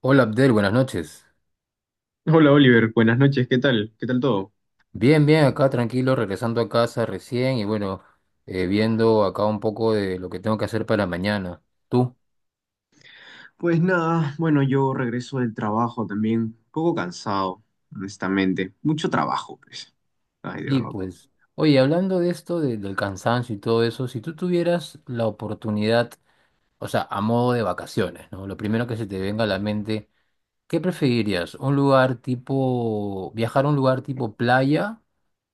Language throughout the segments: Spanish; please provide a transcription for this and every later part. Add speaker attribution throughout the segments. Speaker 1: Hola Abdel, buenas noches.
Speaker 2: Hola Oliver, buenas noches, ¿qué tal? ¿Qué tal todo?
Speaker 1: Bien, bien, acá tranquilo, regresando a casa recién y bueno, viendo acá un poco de lo que tengo que hacer para mañana. ¿Tú?
Speaker 2: Pues nada, bueno, yo regreso del trabajo también, un poco cansado, honestamente. Mucho trabajo, pues. Ay, de
Speaker 1: Sí,
Speaker 2: verdad.
Speaker 1: pues. Oye, hablando de esto, del cansancio y todo eso, si tú tuvieras la oportunidad, o sea, a modo de vacaciones, ¿no? Lo primero que se te venga a la mente, ¿qué preferirías? ¿Un lugar tipo, viajar a un lugar tipo playa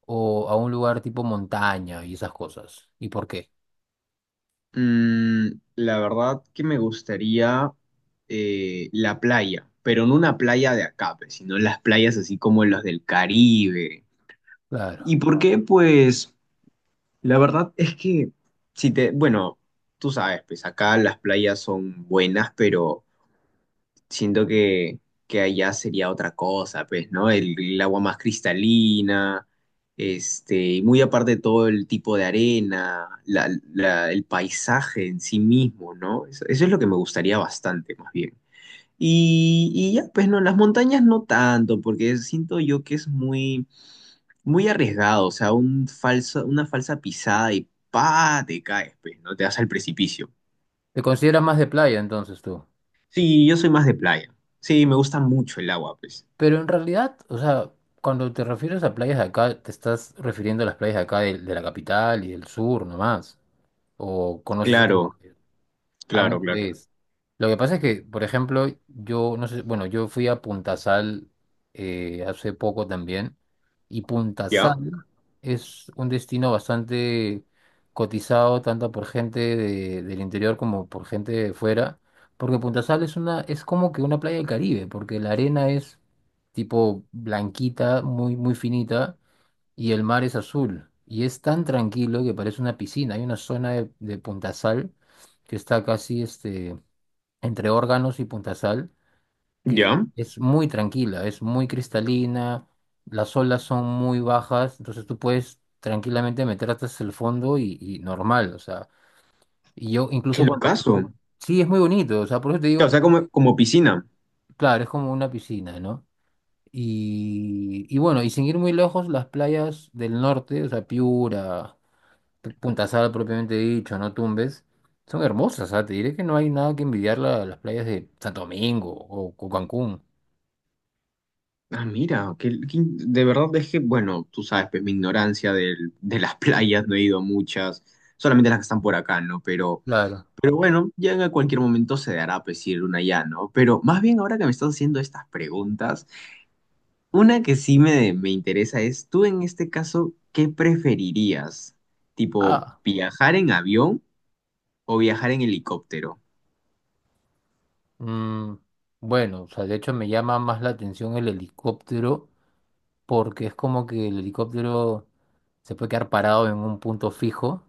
Speaker 1: o a un lugar tipo montaña y esas cosas? ¿Y por qué?
Speaker 2: La verdad que me gustaría la playa, pero no una playa de acá, pues, sino las playas así como las del Caribe. ¿Y
Speaker 1: Claro.
Speaker 2: por qué? Pues la verdad es que, si te, bueno, tú sabes, pues acá las playas son buenas, pero siento que allá sería otra cosa, pues, ¿no? El agua más cristalina, este, y muy aparte de todo el tipo de arena, la- la- el paisaje en sí mismo, ¿no? Eso es lo que me gustaría bastante, más bien. Y ya, pues no, las montañas no tanto, porque siento yo que es muy, muy arriesgado, o sea, una falsa pisada y pa, te caes, pues, ¿no? Te vas al precipicio.
Speaker 1: ¿Te consideras más de playa entonces tú?
Speaker 2: Sí, yo soy más de playa. Sí, me gusta mucho el agua, pues.
Speaker 1: Pero en realidad, o sea, cuando te refieres a playas de acá, te estás refiriendo a las playas de acá de, la capital y del sur nomás. ¿O conoces otras?
Speaker 2: Claro,
Speaker 1: Ah, no,
Speaker 2: claro, claro.
Speaker 1: pues. Lo que pasa es que, por ejemplo, yo no sé, bueno, yo fui a Puntasal hace poco también, y
Speaker 2: Ya,
Speaker 1: Puntasal es un destino bastante cotizado tanto por gente del interior como por gente de fuera, porque Puntasal es una, es como que una playa del Caribe, porque la arena es tipo blanquita, muy, muy finita y el mar es azul. Y es tan tranquilo que parece una piscina. Hay una zona de Puntasal que está casi este, entre Órganos y Puntasal, que
Speaker 2: ya.
Speaker 1: es muy tranquila, es muy cristalina, las olas son muy bajas, entonces tú puedes tranquilamente meter hasta el fondo y normal, o sea, y yo
Speaker 2: Qué
Speaker 1: incluso
Speaker 2: locazo.
Speaker 1: Sí, es muy bonito, o sea, por eso te
Speaker 2: Claro, o
Speaker 1: digo,
Speaker 2: sea, como, como piscina.
Speaker 1: claro, es como una piscina, ¿no? Y bueno, y sin ir muy lejos, las playas del norte, o sea, Piura. Puntasal propiamente dicho, no Tumbes, son hermosas, ¿ah? Te diré que no hay nada que envidiar las playas de Santo Domingo o Cancún.
Speaker 2: Ah, mira, que de verdad es que, bueno, tú sabes, pues mi ignorancia del- de las playas, no he ido a muchas, solamente las que están por acá, ¿no?
Speaker 1: Claro.
Speaker 2: Pero bueno, ya en cualquier momento se dará, pues, si ir una ya, ¿no? Pero más bien ahora que me estás haciendo estas preguntas, una que sí me interesa es, tú en este caso, ¿qué preferirías? ¿Tipo
Speaker 1: Ah,
Speaker 2: viajar en avión o viajar en helicóptero?
Speaker 1: mm, bueno, o sea, de hecho me llama más la atención el helicóptero porque es como que el helicóptero se puede quedar parado en un punto fijo,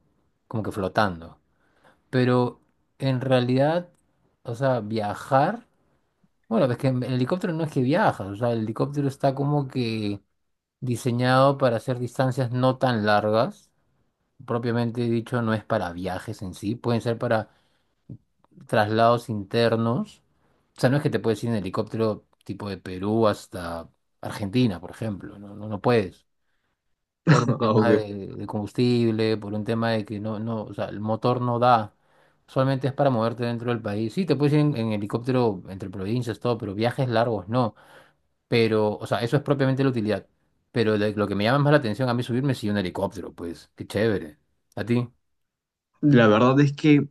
Speaker 1: como que flotando. Pero en realidad, o sea, viajar, bueno, es que en el helicóptero no es que viajas, o sea, el helicóptero está como que diseñado para hacer distancias no tan largas, propiamente dicho, no es para viajes en sí, pueden ser para traslados internos. O sea, no es que te puedes ir en helicóptero tipo de Perú hasta Argentina, por ejemplo, no, no, no puedes. Por un
Speaker 2: Ah,
Speaker 1: tema
Speaker 2: ok.
Speaker 1: de combustible, por un tema de que no, no, o sea, el motor no da. Solamente es para moverte dentro del país. Sí, te puedes ir en helicóptero entre provincias, todo, pero viajes largos no. Pero, o sea, eso es propiamente la utilidad. Pero lo que me llama más la atención a mí subirme es sí un helicóptero, pues, qué chévere. ¿A ti?
Speaker 2: La verdad es que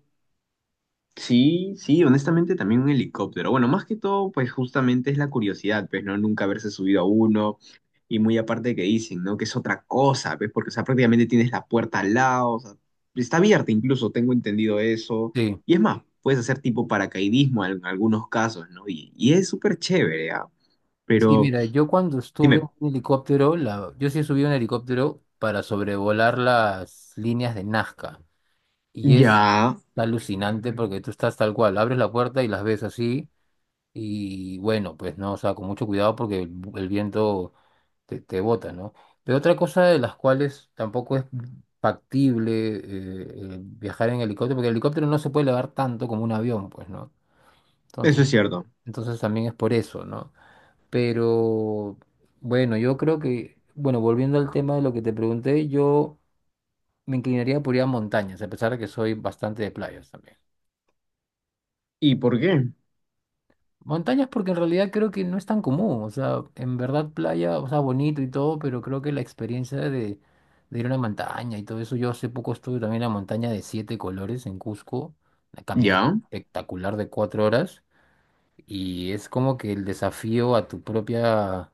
Speaker 2: sí, sí, honestamente también un helicóptero. Bueno, más que todo, pues justamente es la curiosidad, pues, ¿no? Nunca haberse subido a uno. Y muy aparte que dicen, ¿no? Que es otra cosa, ¿ves? Porque, o sea, prácticamente tienes la puerta al lado, o sea, está abierta incluso, tengo entendido eso.
Speaker 1: Sí.
Speaker 2: Y es más, puedes hacer tipo paracaidismo en algunos casos, ¿no? Y es súper chévere, ¿ah?
Speaker 1: Sí,
Speaker 2: Pero,
Speaker 1: mira, yo cuando estuve en
Speaker 2: dime,
Speaker 1: un helicóptero, la, yo sí subí un helicóptero para sobrevolar las líneas de Nazca. Y es
Speaker 2: ya,
Speaker 1: alucinante porque tú estás tal cual, abres la puerta y las ves así. Y bueno, pues no, o sea, con mucho cuidado porque el viento te bota, ¿no? Pero otra cosa de las cuales tampoco es factible viajar en helicóptero, porque el helicóptero no se puede elevar tanto como un avión, pues, ¿no?
Speaker 2: eso
Speaker 1: Entonces,
Speaker 2: es cierto.
Speaker 1: entonces también es por eso, ¿no? Pero bueno, yo creo que, bueno, volviendo al tema de lo que te pregunté, yo me inclinaría por ir a montañas, a pesar de que soy bastante de playas también.
Speaker 2: ¿Y por qué?
Speaker 1: Montañas porque en realidad creo que no es tan común, o sea, en verdad playa, o sea, bonito y todo, pero creo que la experiencia de ir a una montaña y todo eso, yo hace poco estuve también en la montaña de siete colores en Cusco, una caminata
Speaker 2: ¿Ya?
Speaker 1: espectacular de 4 horas, y es como que el desafío a tu propia,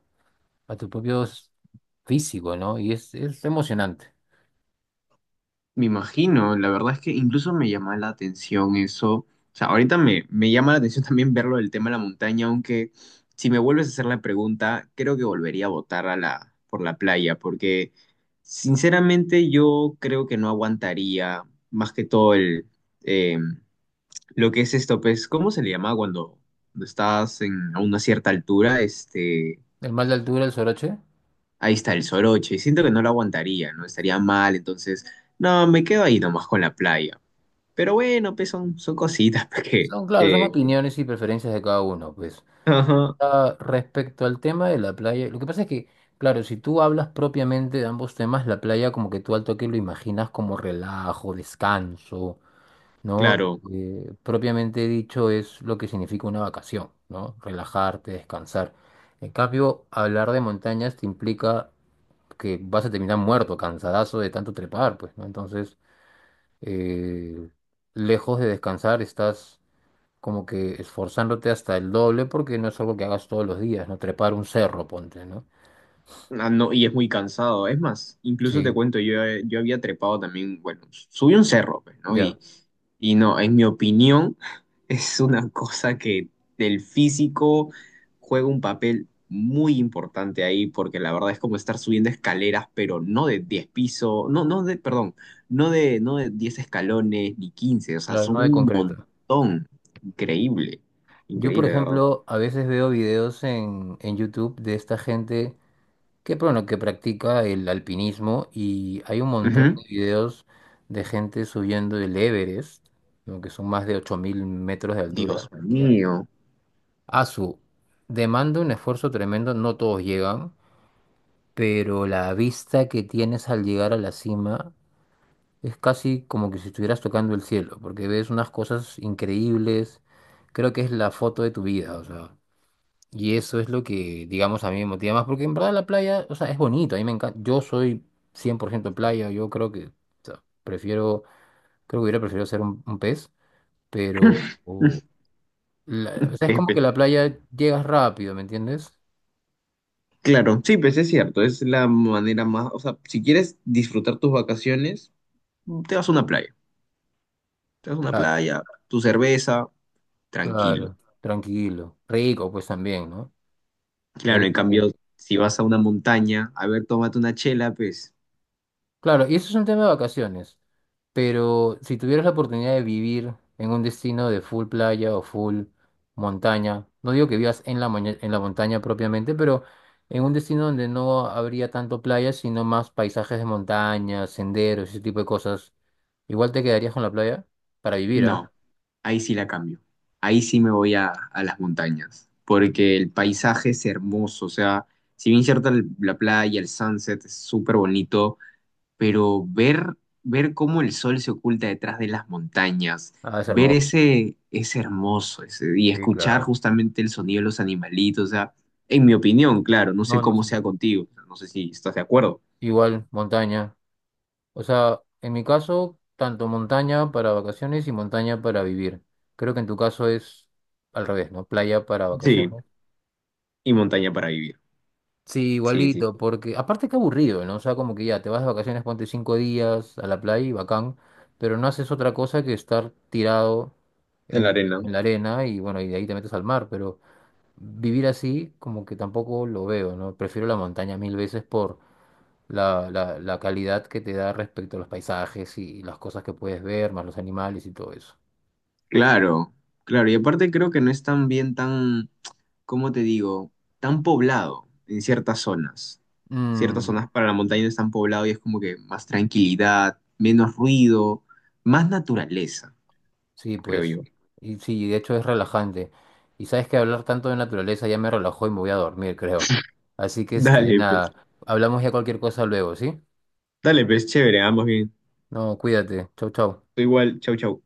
Speaker 1: a tu propio físico, ¿no? Y es emocionante.
Speaker 2: Me imagino, la verdad es que incluso me llama la atención eso. O sea, ahorita me llama la atención también verlo del tema de la montaña, aunque si me vuelves a hacer la pregunta, creo que volvería a votar a la, por la playa, porque sinceramente yo creo que no aguantaría más que todo el, eh, lo que es esto, pues, ¿cómo se le llama cuando estás en, a una cierta altura? Este,
Speaker 1: El mal de altura, el soroche,
Speaker 2: ahí está el soroche, y siento que no lo aguantaría, ¿no? Estaría mal, entonces no, me quedo ahí nomás con la playa. Pero bueno, pues son, son cositas pues, que,
Speaker 1: son, claro, son
Speaker 2: que- que-
Speaker 1: opiniones y preferencias de cada uno, pues.
Speaker 2: Ajá,
Speaker 1: Ah, respecto al tema de la playa, lo que pasa es que, claro, si tú hablas propiamente de ambos temas, la playa como que tú al toque lo imaginas como relajo, descanso, ¿no?
Speaker 2: claro.
Speaker 1: Propiamente dicho es lo que significa una vacación, ¿no? Relajarte, descansar. En cambio, hablar de montañas te implica que vas a terminar muerto, cansadazo de tanto trepar, pues, ¿no? Entonces, eh, lejos de descansar, estás como que esforzándote hasta el doble porque no es algo que hagas todos los días, ¿no? Trepar un cerro, ponte, ¿no?
Speaker 2: Ah, no, y es muy cansado. Es más, incluso te
Speaker 1: Sí,
Speaker 2: cuento, yo había trepado también, bueno, subí un cerro, pues, ¿no?
Speaker 1: ya,
Speaker 2: Y no, en mi opinión, es una cosa que el físico juega un papel muy importante ahí, porque la verdad es como estar subiendo escaleras, pero no de 10 pisos, no, no de, perdón, no de 10 escalones ni 15, o sea,
Speaker 1: claro, no
Speaker 2: son
Speaker 1: de
Speaker 2: un
Speaker 1: concreto.
Speaker 2: montón. Increíble,
Speaker 1: Yo, por
Speaker 2: increíble, de verdad.
Speaker 1: ejemplo, a veces veo videos en YouTube de esta gente que, bueno, que practica el alpinismo y hay un montón de
Speaker 2: Ujú.
Speaker 1: videos de gente subiendo el Everest, ¿no? Que son más de 8.000 metros de altura.
Speaker 2: Dios mío.
Speaker 1: A su demanda un esfuerzo tremendo, no todos llegan, pero la vista que tienes al llegar a la cima es casi como que si estuvieras tocando el cielo, porque ves unas cosas increíbles. Creo que es la foto de tu vida, o sea. Y eso es lo que, digamos, a mí me motiva más, porque en verdad la playa, o sea, es bonito, a mí me encanta. Yo soy 100% playa, yo creo que, o sea, prefiero, creo que hubiera preferido ser un pez, pero, o sea, es como que la playa llegas rápido, ¿me entiendes?
Speaker 2: Claro, sí, pues es cierto, es la manera más, o sea, si quieres disfrutar tus vacaciones, te vas a una playa, te vas a una
Speaker 1: Claro.
Speaker 2: playa, tu cerveza, tranquilo.
Speaker 1: Claro, tranquilo. Rico, pues también, ¿no?
Speaker 2: Claro, en
Speaker 1: Rico.
Speaker 2: cambio,
Speaker 1: Rico.
Speaker 2: si vas a una montaña, a ver, tómate una chela, pues
Speaker 1: Claro, y eso es un tema de vacaciones, pero si tuvieras la oportunidad de vivir en un destino de full playa o full montaña, no digo que vivas en la, en la montaña propiamente, pero en un destino donde no habría tanto playa, sino más paisajes de montaña, senderos, ese tipo de cosas, igual te quedarías con la playa para vivir, ¿ah?
Speaker 2: no, ahí sí la cambio, ahí sí me voy a las montañas, porque el paisaje es hermoso, o sea, si bien cierta la playa, el sunset es súper bonito, pero ver, cómo el sol se oculta detrás de las montañas,
Speaker 1: Ah, es
Speaker 2: ver
Speaker 1: hermoso.
Speaker 2: ese, es hermoso, ese- y
Speaker 1: Sí,
Speaker 2: escuchar
Speaker 1: claro.
Speaker 2: justamente el sonido de los animalitos, o sea, en mi opinión, claro, no sé
Speaker 1: No, no,
Speaker 2: cómo
Speaker 1: sí, sí,
Speaker 2: sea
Speaker 1: sí.
Speaker 2: contigo, no sé si estás de acuerdo.
Speaker 1: Igual, montaña. O sea, en mi caso, tanto montaña para vacaciones y montaña para vivir. Creo que en tu caso es al revés, ¿no? Playa para
Speaker 2: Sí,
Speaker 1: vacaciones.
Speaker 2: y montaña para vivir.
Speaker 1: Sí,
Speaker 2: Sí, sí,
Speaker 1: igualito, porque aparte qué aburrido, ¿no? O sea, como que ya te vas de vacaciones, ponte 5 días a la playa y bacán, pero no haces otra cosa que estar tirado
Speaker 2: en la
Speaker 1: en,
Speaker 2: arena.
Speaker 1: en la arena y bueno, y de ahí te metes al mar, pero vivir así como que tampoco lo veo, ¿no? Prefiero la montaña mil veces la calidad que te da respecto a los paisajes y, las cosas que puedes ver, más los animales y todo eso.
Speaker 2: Claro, claro. Y aparte creo que no es tan bien tan, ¿cómo te digo? Tan poblado en ciertas zonas. Ciertas
Speaker 1: Mm,
Speaker 2: zonas para la montaña no están poblado y es como que más tranquilidad, menos ruido, más naturaleza,
Speaker 1: sí,
Speaker 2: creo
Speaker 1: pues.
Speaker 2: yo.
Speaker 1: Y sí, de hecho es relajante. Y sabes que hablar tanto de naturaleza ya me relajó y me voy a dormir, creo. Así que este,
Speaker 2: Dale, pues.
Speaker 1: nada, hablamos ya cualquier cosa luego, ¿sí?
Speaker 2: Dale, pues, chévere, ambos bien.
Speaker 1: No, cuídate. Chau, chau.
Speaker 2: Tú igual, chau, chau.